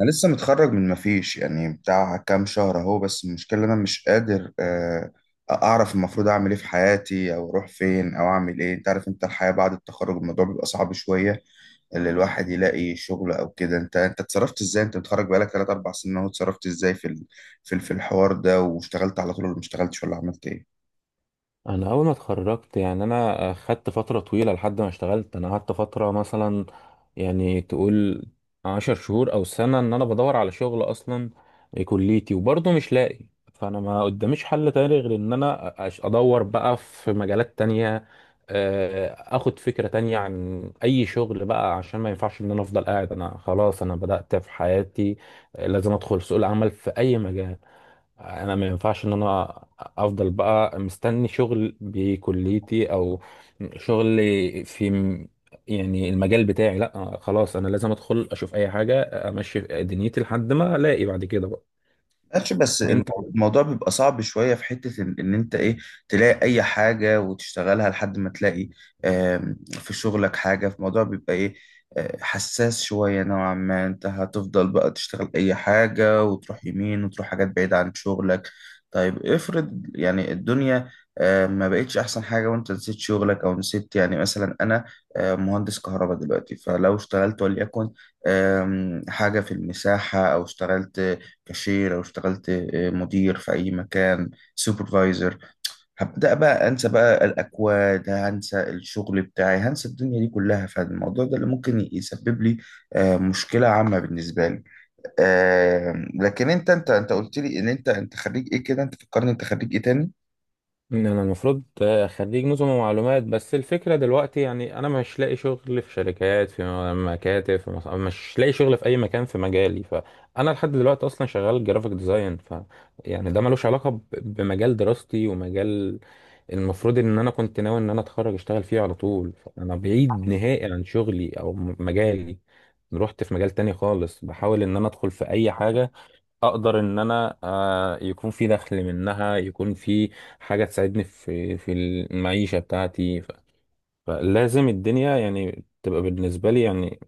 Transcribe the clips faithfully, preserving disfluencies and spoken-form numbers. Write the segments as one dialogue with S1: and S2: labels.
S1: انا لسه متخرج من مفيش يعني بتاع كام شهر اهو. بس المشكله إن انا مش قادر آه، اعرف المفروض اعمل ايه في حياتي، او اروح فين، او اعمل ايه. انت عارف، انت الحياه بعد التخرج الموضوع بيبقى صعب شويه اللي الواحد يلاقي شغل او كده. انت انت اتصرفت ازاي؟ انت متخرج بقالك تلاتة اربع سنين اهو، اتصرفت ازاي في ال- في ال- في الحوار ده؟ واشتغلت على طول، ولا ما اشتغلتش، ولا عملت ايه؟
S2: انا اول ما اتخرجت يعني انا خدت فتره طويله لحد ما اشتغلت. انا قعدت فتره مثلا يعني تقول عشر شهور او سنه ان انا بدور على شغل اصلا كليتي وبرضه مش لاقي. فانا ما قداميش حل تاني غير ان انا أش- ادور بقى في مجالات تانية، آه، اخد فكره تانية عن اي شغل بقى عشان ما ينفعش ان انا افضل قاعد. انا خلاص انا بدات في حياتي، آه، لازم ادخل سوق العمل في اي مجال. انا ما ينفعش ان انا افضل بقى مستني شغل بكليتي او شغل في م- يعني المجال بتاعي، لا خلاص انا لازم ادخل اشوف اي حاجة امشي دنيتي لحد ما الاقي بعد كده بقى.
S1: ماشي، بس
S2: انت
S1: المو- الموضوع بيبقى صعب شوية في حتة إن إن أنت إيه، تلاقي أي حاجة وتشتغلها لحد ما تلاقي آم، في شغلك حاجة. في الموضوع بيبقى إيه، آه، حساس شوية نوعا ما. أنت هتفضل بقى تشتغل أي حاجة وتروح يمين، وتروح حاجات بعيدة عن شغلك. طيب افرض يعني الدنيا آه، ما بقتش أحسن حاجة، وأنت نسيت شغلك، أو نسيت. يعني مثلا أنا آه، مهندس كهرباء دلوقتي، فلو اشتغلت وليكن آم، حاجة في المساحة، أو اشتغلت كاشير، او اشتغلت آه، مدير في اي مكان، سوبرفايزر، هبدا بقى انسى بقى الاكواد، هنسى الشغل بتاعي، هنسى الدنيا دي كلها. فالموضوع ده اللي ممكن يسبب لي آه، مشكله عامه بالنسبه لي. آه، لكن انت انت انت قلت لي ان انت انت خريج ايه كده؟ انت فكرني، انت خريج ايه تاني؟
S2: ان انا المفروض خريج نظم ومعلومات، بس الفكره دلوقتي يعني انا مش لاقي شغل في شركات في مكاتب في مص... مش لاقي شغل في اي مكان في مجالي. فانا لحد دلوقتي اصلا شغال جرافيك ديزاين، ف يعني ده ملوش علاقه ب... بمجال دراستي، ومجال المفروض ان انا كنت ناوي ان انا اتخرج اشتغل فيه على طول. فانا بعيد نهائي عن شغلي او م- مجالي، رحت في مجال تاني خالص بحاول ان انا ادخل في اي حاجه اقدر ان انا آه، يكون في دخل منها، يكون في حاجه تساعدني في في المعيشه بتاعتي. ف- فلازم الدنيا يعني تبقى بالنسبه لي، يعني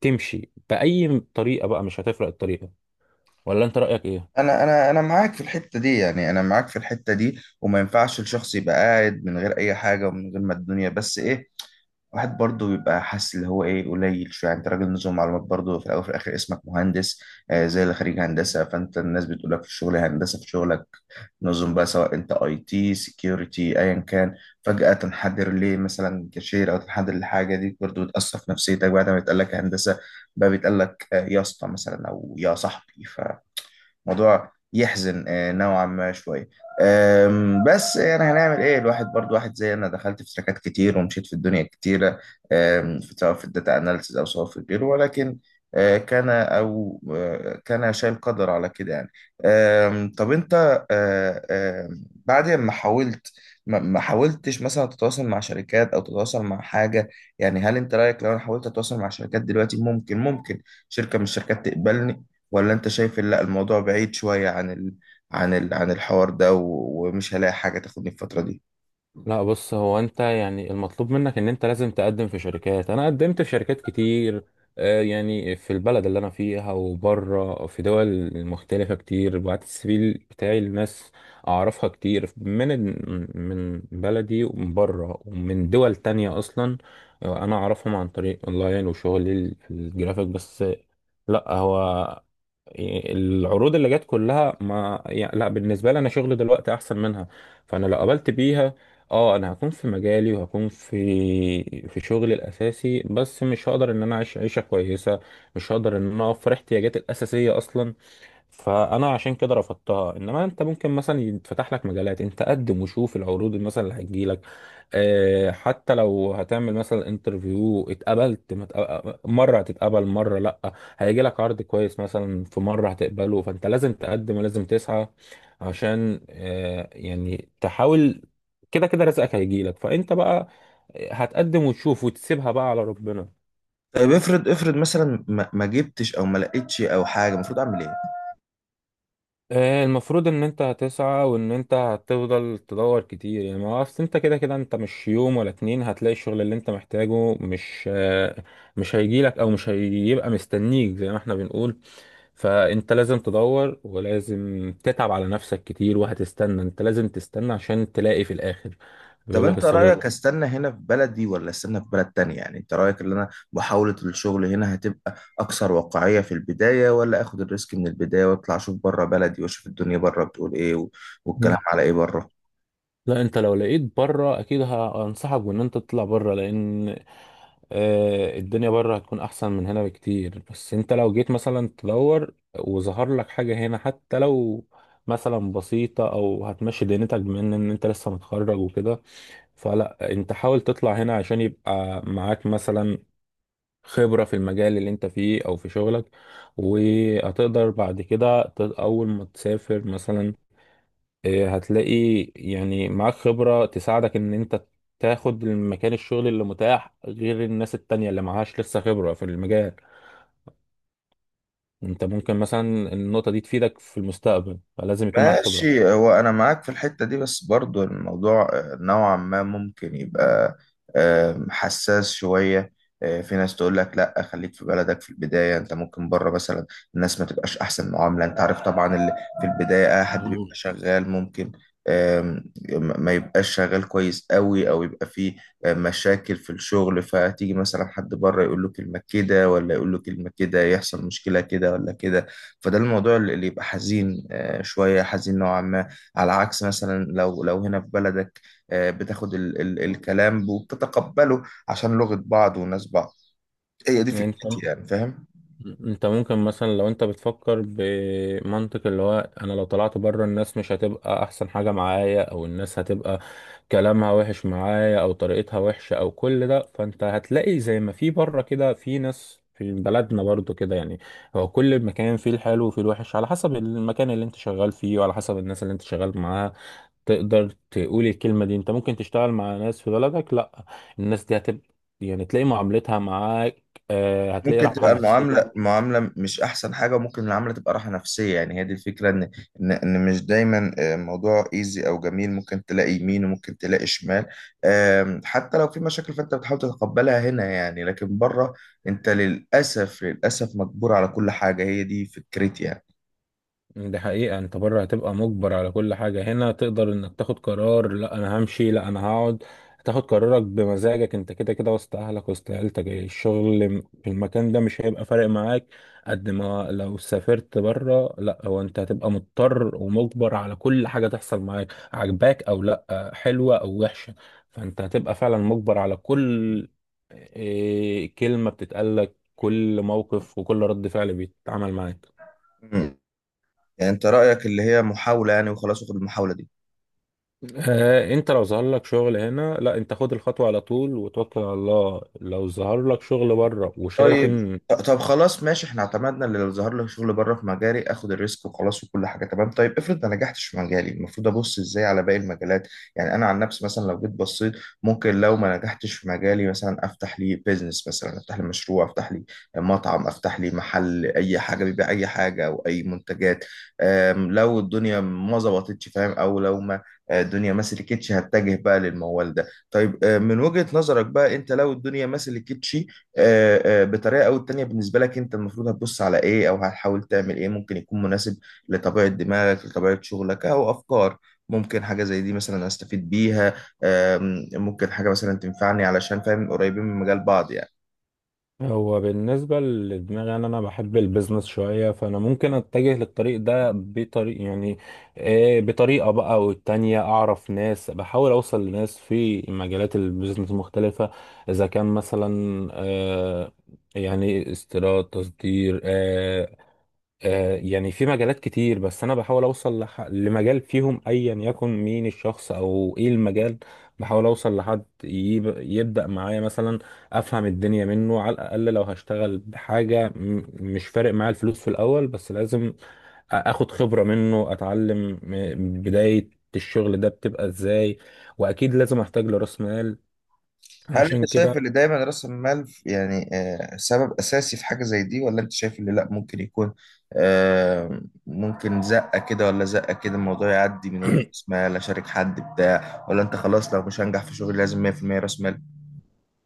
S2: تمشي باي طريقه بقى، مش هتفرق الطريقه. ولا انت رايك ايه؟
S1: انا انا انا معاك في الحته دي، يعني انا معاك في الحته دي، وما ينفعش الشخص يبقى قاعد من غير اي حاجه ومن غير ما الدنيا. بس ايه، واحد برضه بيبقى حاسس اللي هو ايه، قليل شويه. يعني انت راجل نظم معلومات، برضه في الاول وفي الاخر اسمك مهندس، آه زي اللي خريج هندسه. فانت الناس بتقول لك في الشغل هندسه في شغلك، نظم بقى سواء انت اي تي سكيورتي، ايا كان. فجاه تنحدر ليه مثلا كاشير، او تنحدر لحاجه دي، برضه بتاثر في نفسيتك. بعد ما بيتقال لك هندسه، بقى بيتقال لك آه، يا اسطى مثلا، او يا صاحبي. موضوع يحزن آه، نوعا ما شويه. آم، بس يعني هنعمل ايه؟ الواحد برضو، واحد زي انا دخلت في تراكات كتير، ومشيت في الدنيا كتيرة، آم، في- سواء في الداتا اناليسز، او سواء في غيره. ولكن آه، كان او آه، كان شايل، قدر على كده يعني. آم، طب انت آه، آم، بعد ما حاولت، ما ما حاولتش مثلا تتواصل مع شركات، او تتواصل مع حاجه؟ يعني هل انت رايك لو انا حاولت اتواصل مع شركات دلوقتي، ممكن ممكن شركه من الشركات تقبلني؟ ولا انت شايف إن لا، الموضوع بعيد شوية عن ال... عن ال... عن الحوار ده، و... ومش هلاقي حاجة تاخدني الفترة دي؟
S2: لا بص، هو انت يعني المطلوب منك ان انت لازم تقدم في شركات. انا قدمت في شركات كتير، آه، يعني في البلد اللي انا فيها وبره في دول مختلفة كتير. بعت السي في بتاعي لناس اعرفها كتير من ال- من بلدي ومن بره ومن دول تانية اصلا، آه، انا اعرفهم عن طريق اونلاين وشغلي في الجرافيك بس. لا، هو العروض اللي جت كلها ما يعني لا بالنسبه لي، انا شغل دلوقتي احسن منها. فانا لو قبلت بيها اه انا هكون في مجالي وهكون في في شغلي الاساسي، بس مش هقدر ان انا اعيش عيشه كويسه، مش هقدر ان انا اوفر احتياجاتي الاساسيه اصلا. فانا عشان كده رفضتها. انما انت ممكن مثلا يتفتح لك مجالات، انت قدم وشوف العروض اللي مثلا اللي هتجيلك، آه، حتى لو هتعمل مثلا انترفيو، اتقبلت ما اتق- مره هتتقبل مره لا، هيجي لك عرض كويس مثلا في مره هتقبله. فانت لازم تقدم ولازم تسعى عشان آه، يعني تحاول، كده كده رزقك هيجي لك. فانت بقى هتقدم وتشوف وتسيبها بقى على ربنا.
S1: طيب افرض افرض مثلا ما, ما جبتش او ما لقيتش او حاجة، المفروض اعمل ايه؟
S2: آه، المفروض ان انت هتسعى وان انت هتفضل تدور كتير، يعني ما هو اصل انت كده كده انت مش يوم ولا اتنين هتلاقي الشغل اللي انت محتاجه، مش آه، مش هيجيلك او مش هيبقى مستنيك زي ما احنا بنقول. فانت لازم تدور ولازم تتعب على نفسك كتير وهتستنى، انت لازم تستنى عشان تلاقي في الاخر.
S1: طب
S2: بيقول لك
S1: انت
S2: الصبر
S1: رأيك استنى هنا في بلدي، ولا استنى في بلد تانية؟ يعني انت رأيك ان انا محاولة الشغل هنا هتبقى اكثر واقعية في البداية، ولا اخد الريسك من البداية واطلع اشوف بره بلدي، واشوف الدنيا بره بتقول ايه و... والكلام
S2: ده.
S1: على ايه بره؟
S2: لا انت لو لقيت بره اكيد ه- هنصحك بان انت تطلع بره، لان آه، الدنيا بره هتكون احسن من هنا بكتير. بس انت لو جيت مثلا تدور وظهر لك حاجة هنا، حتى لو مثلا بسيطة او هتمشي دنيتك، بما ان إن انت لسه متخرج وكده، فلا انت حاول تطلع هنا عشان يبقى معاك مثلا خبرة في المجال اللي انت فيه او في شغلك. وهتقدر بعد كده ت- اول ما تسافر مثلا إيه، هتلاقي يعني معاك خبرة تساعدك ان انت تاخد المكان، الشغل اللي متاح، غير الناس التانية اللي معهاش لسه خبرة في المجال. انت ممكن مثلا النقطة دي تفيدك في المستقبل، فلازم يكون معاك خبرة.
S1: ماشي، هو انا معاك في الحتة دي، بس برضو الموضوع آه، نوعا ما ممكن يبقى آه، حساس شوية. آه، في ناس تقول لك لا خليك في بلدك في البداية. انت ممكن بره مثلا الناس ما تبقاش احسن معاملة. انت عارف طبعا، اللي في البداية اي حد بيبقى
S2: مم.
S1: شغال، ممكن آم، ما يبقاش شغال كويس قوي، او يبقى فيه آه، مشاكل في الشغل. فتيجي مثلا حد بره يقول له كلمة كده، ولا يقول له كلمة كده، يحصل مشكلة كده ولا كده. فده الموضوع اللي اللي يبقى حزين، آه، شوية حزين نوعا ما. على عكس مثلا لو لو هنا في بلدك، آه، بتاخد ال ال الكلام وبتتقبله، عشان لغة بعض وناس بعض. هي دي
S2: يعني انت
S1: فكرتي يعني، فاهم؟
S2: انت ممكن مثلا لو انت بتفكر بمنطق اللي هو انا لو طلعت بره الناس مش هتبقى احسن حاجة معايا، او الناس هتبقى كلامها وحش معايا او طريقتها وحشة او كل ده، فانت هتلاقي زي ما في بره كده في ناس في بلدنا برضو كده. يعني هو كل مكان فيه الحلو وفيه الوحش، على حسب المكان اللي انت شغال فيه وعلى حسب الناس اللي انت شغال معاها. تقدر تقول الكلمة دي، انت ممكن تشتغل مع ناس في بلدك لا الناس دي هتبقى يعني تلاقي معاملتها معاك، آه، هتلاقي
S1: ممكن
S2: راحة
S1: تبقى
S2: نفسية.
S1: المعاملة معاملة مش أحسن حاجة، وممكن المعاملة تبقى راحة نفسية. يعني هي دي الفكرة، إن إن إن مش دايما آه، الموضوع إيزي أو جميل. ممكن تلاقي يمين، وممكن تلاقي شمال. آم، حتى لو في مشاكل فأنت بتحاول تتقبلها هنا يعني، لكن بره أنت للأسف للأسف مجبور على كل حاجة. هي دي فكرتي يعني.
S2: دي حقيقة، انت بره هتبقى مجبر على كل حاجة. هنا تقدر انك تاخد قرار لا انا همشي لا انا هقعد، تاخد قرارك بمزاجك، انت كده كده وسط اهلك وسط عيلتك، الشغل في المكان ده مش هيبقى فارق معاك قد ما لو سافرت بره. لا، هو انت هتبقى مضطر ومجبر على كل حاجة تحصل معاك، عجباك او لا، حلوة او وحشة. فانت هتبقى فعلا مجبر على كل إيه، كلمة بتتقالك، كل موقف وكل رد فعل بيتعمل معاك.
S1: يعني أنت رأيك اللي هي محاولة يعني، وخلاص وخد المحاولة دي؟
S2: آه، انت لو ظهر لك شغل هنا، لا انت خد الخطوة على طول وتوكل على الله. لو ظهر لك شغل بره وشايف
S1: طيب،
S2: ان،
S1: طب خلاص ماشي. احنا اعتمدنا اللي لو ظهر لي شغل بره في مجالي اخد الريسك، وخلاص وكل حاجه تمام. طيب افرض ما نجحتش في مجالي، المفروض ابص ازاي على باقي المجالات؟ يعني انا عن نفسي مثلا لو جيت بصيت، ممكن لو ما نجحتش في مجالي، مثلا افتح لي بيزنس، مثلا افتح لي مشروع، افتح لي مطعم، افتح لي محل اي حاجه بيبيع اي حاجه او اي منتجات. ام، لو الدنيا ما ظبطتش، فاهم؟ او لو ما اه، الدنيا ما سلكتش، هتجه بقى للموال ده. طيب اه، من وجهة نظرك بقى، انت لو الدنيا ما سلكتش آه، آه، بطريقه او التانية، بالنسبه لك انت المفروض هتبص على ايه، او هتحاول تعمل ايه ممكن يكون مناسب لطبيعه دماغك، لطبيعه شغلك، او افكار ممكن حاجه زي دي مثلا استفيد بيها؟ آم، ممكن حاجه مثلا تنفعني، علشان فاهم قريبين من مجال بعض يعني.
S2: هو بالنسبة لدماغي انا انا بحب البيزنس شوية، فانا ممكن اتجه للطريق ده بطريق يعني، آه، بطريقة بقى. والتانية اعرف ناس، بحاول اوصل لناس في مجالات البيزنس مختلفة، اذا كان مثلا آه، يعني استيراد تصدير، آه، آه، يعني في مجالات كتير. بس انا بحاول اوصل لح... لمجال فيهم ايا يكن مين الشخص او ايه المجال، بحاول اوصل لحد يب... يبدأ معايا مثلا، افهم الدنيا منه على الاقل. لو هشتغل بحاجة م... مش فارق معايا الفلوس في الاول، بس لازم أ- اخد خبرة منه، اتعلم م- بداية الشغل ده بتبقى ازاي. واكيد لازم احتاج لراس مال،
S1: هل انت
S2: عشان كده
S1: شايف ان دايما راس المال ف- يعني آه، سبب اساسي في حاجه زي دي، ولا انت شايف ان لا، ممكن يكون آم، ممكن زقه كده ولا زقه كده، الموضوع يعدي من غير راس مال، اشارك حد بتاع؟ ولا انت خلاص لو مش هنجح في شغلي لازم مية في المية راس مال؟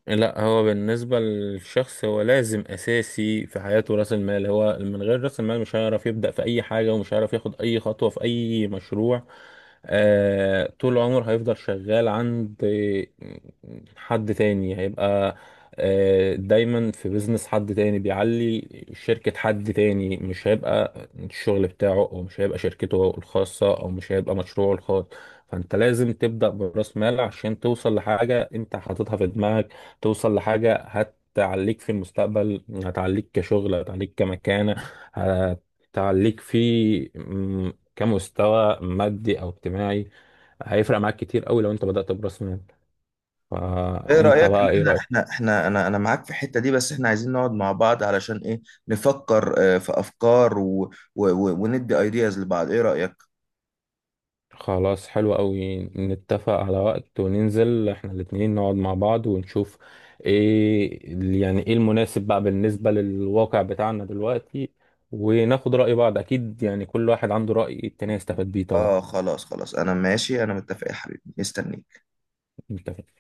S2: لا هو بالنسبة للشخص هو لازم أساسي في حياته رأس المال. هو من غير رأس المال مش هيعرف يبدأ في أي حاجة ومش هيعرف ياخد أي خطوة في أي مشروع، آه طول عمره هيفضل شغال عند حد تاني. هيبقى آه دايما في بيزنس حد تاني، بيعلي شركة حد تاني، مش هيبقى الشغل بتاعه أو مش هيبقى شركته الخاصة أو مش هيبقى مشروعه الخاص. فانت لازم تبدأ برأس مال عشان توصل لحاجة انت حاططها في دماغك، توصل لحاجة هتعليك في المستقبل، هتعليك كشغل، هتعليك كمكانة، هتعليك في م- كمستوى مادي أو اجتماعي. هيفرق معاك كتير قوي لو انت بدأت برأس مال.
S1: ايه
S2: فانت
S1: رأيك
S2: بقى ايه
S1: ان احنا
S2: رأيك؟
S1: احنا احنا انا انا معاك في الحتة دي، بس احنا عايزين نقعد مع بعض علشان ايه، نفكر آه، في افكار، و و و وندي ايدياز لبعض؟ ايه رأيك؟
S2: خلاص، حلو قوي، نتفق على وقت وننزل احنا الاتنين نقعد مع بعض ونشوف ايه، يعني ايه المناسب بقى بالنسبة للواقع بتاعنا دلوقتي، وناخد رأي بعض اكيد، يعني كل واحد عنده رأي التاني يستفاد بيه طبعا.
S1: اه خلاص خلاص، انا ماشي، انا متفق يا حبيبي، مستنيك.
S2: انت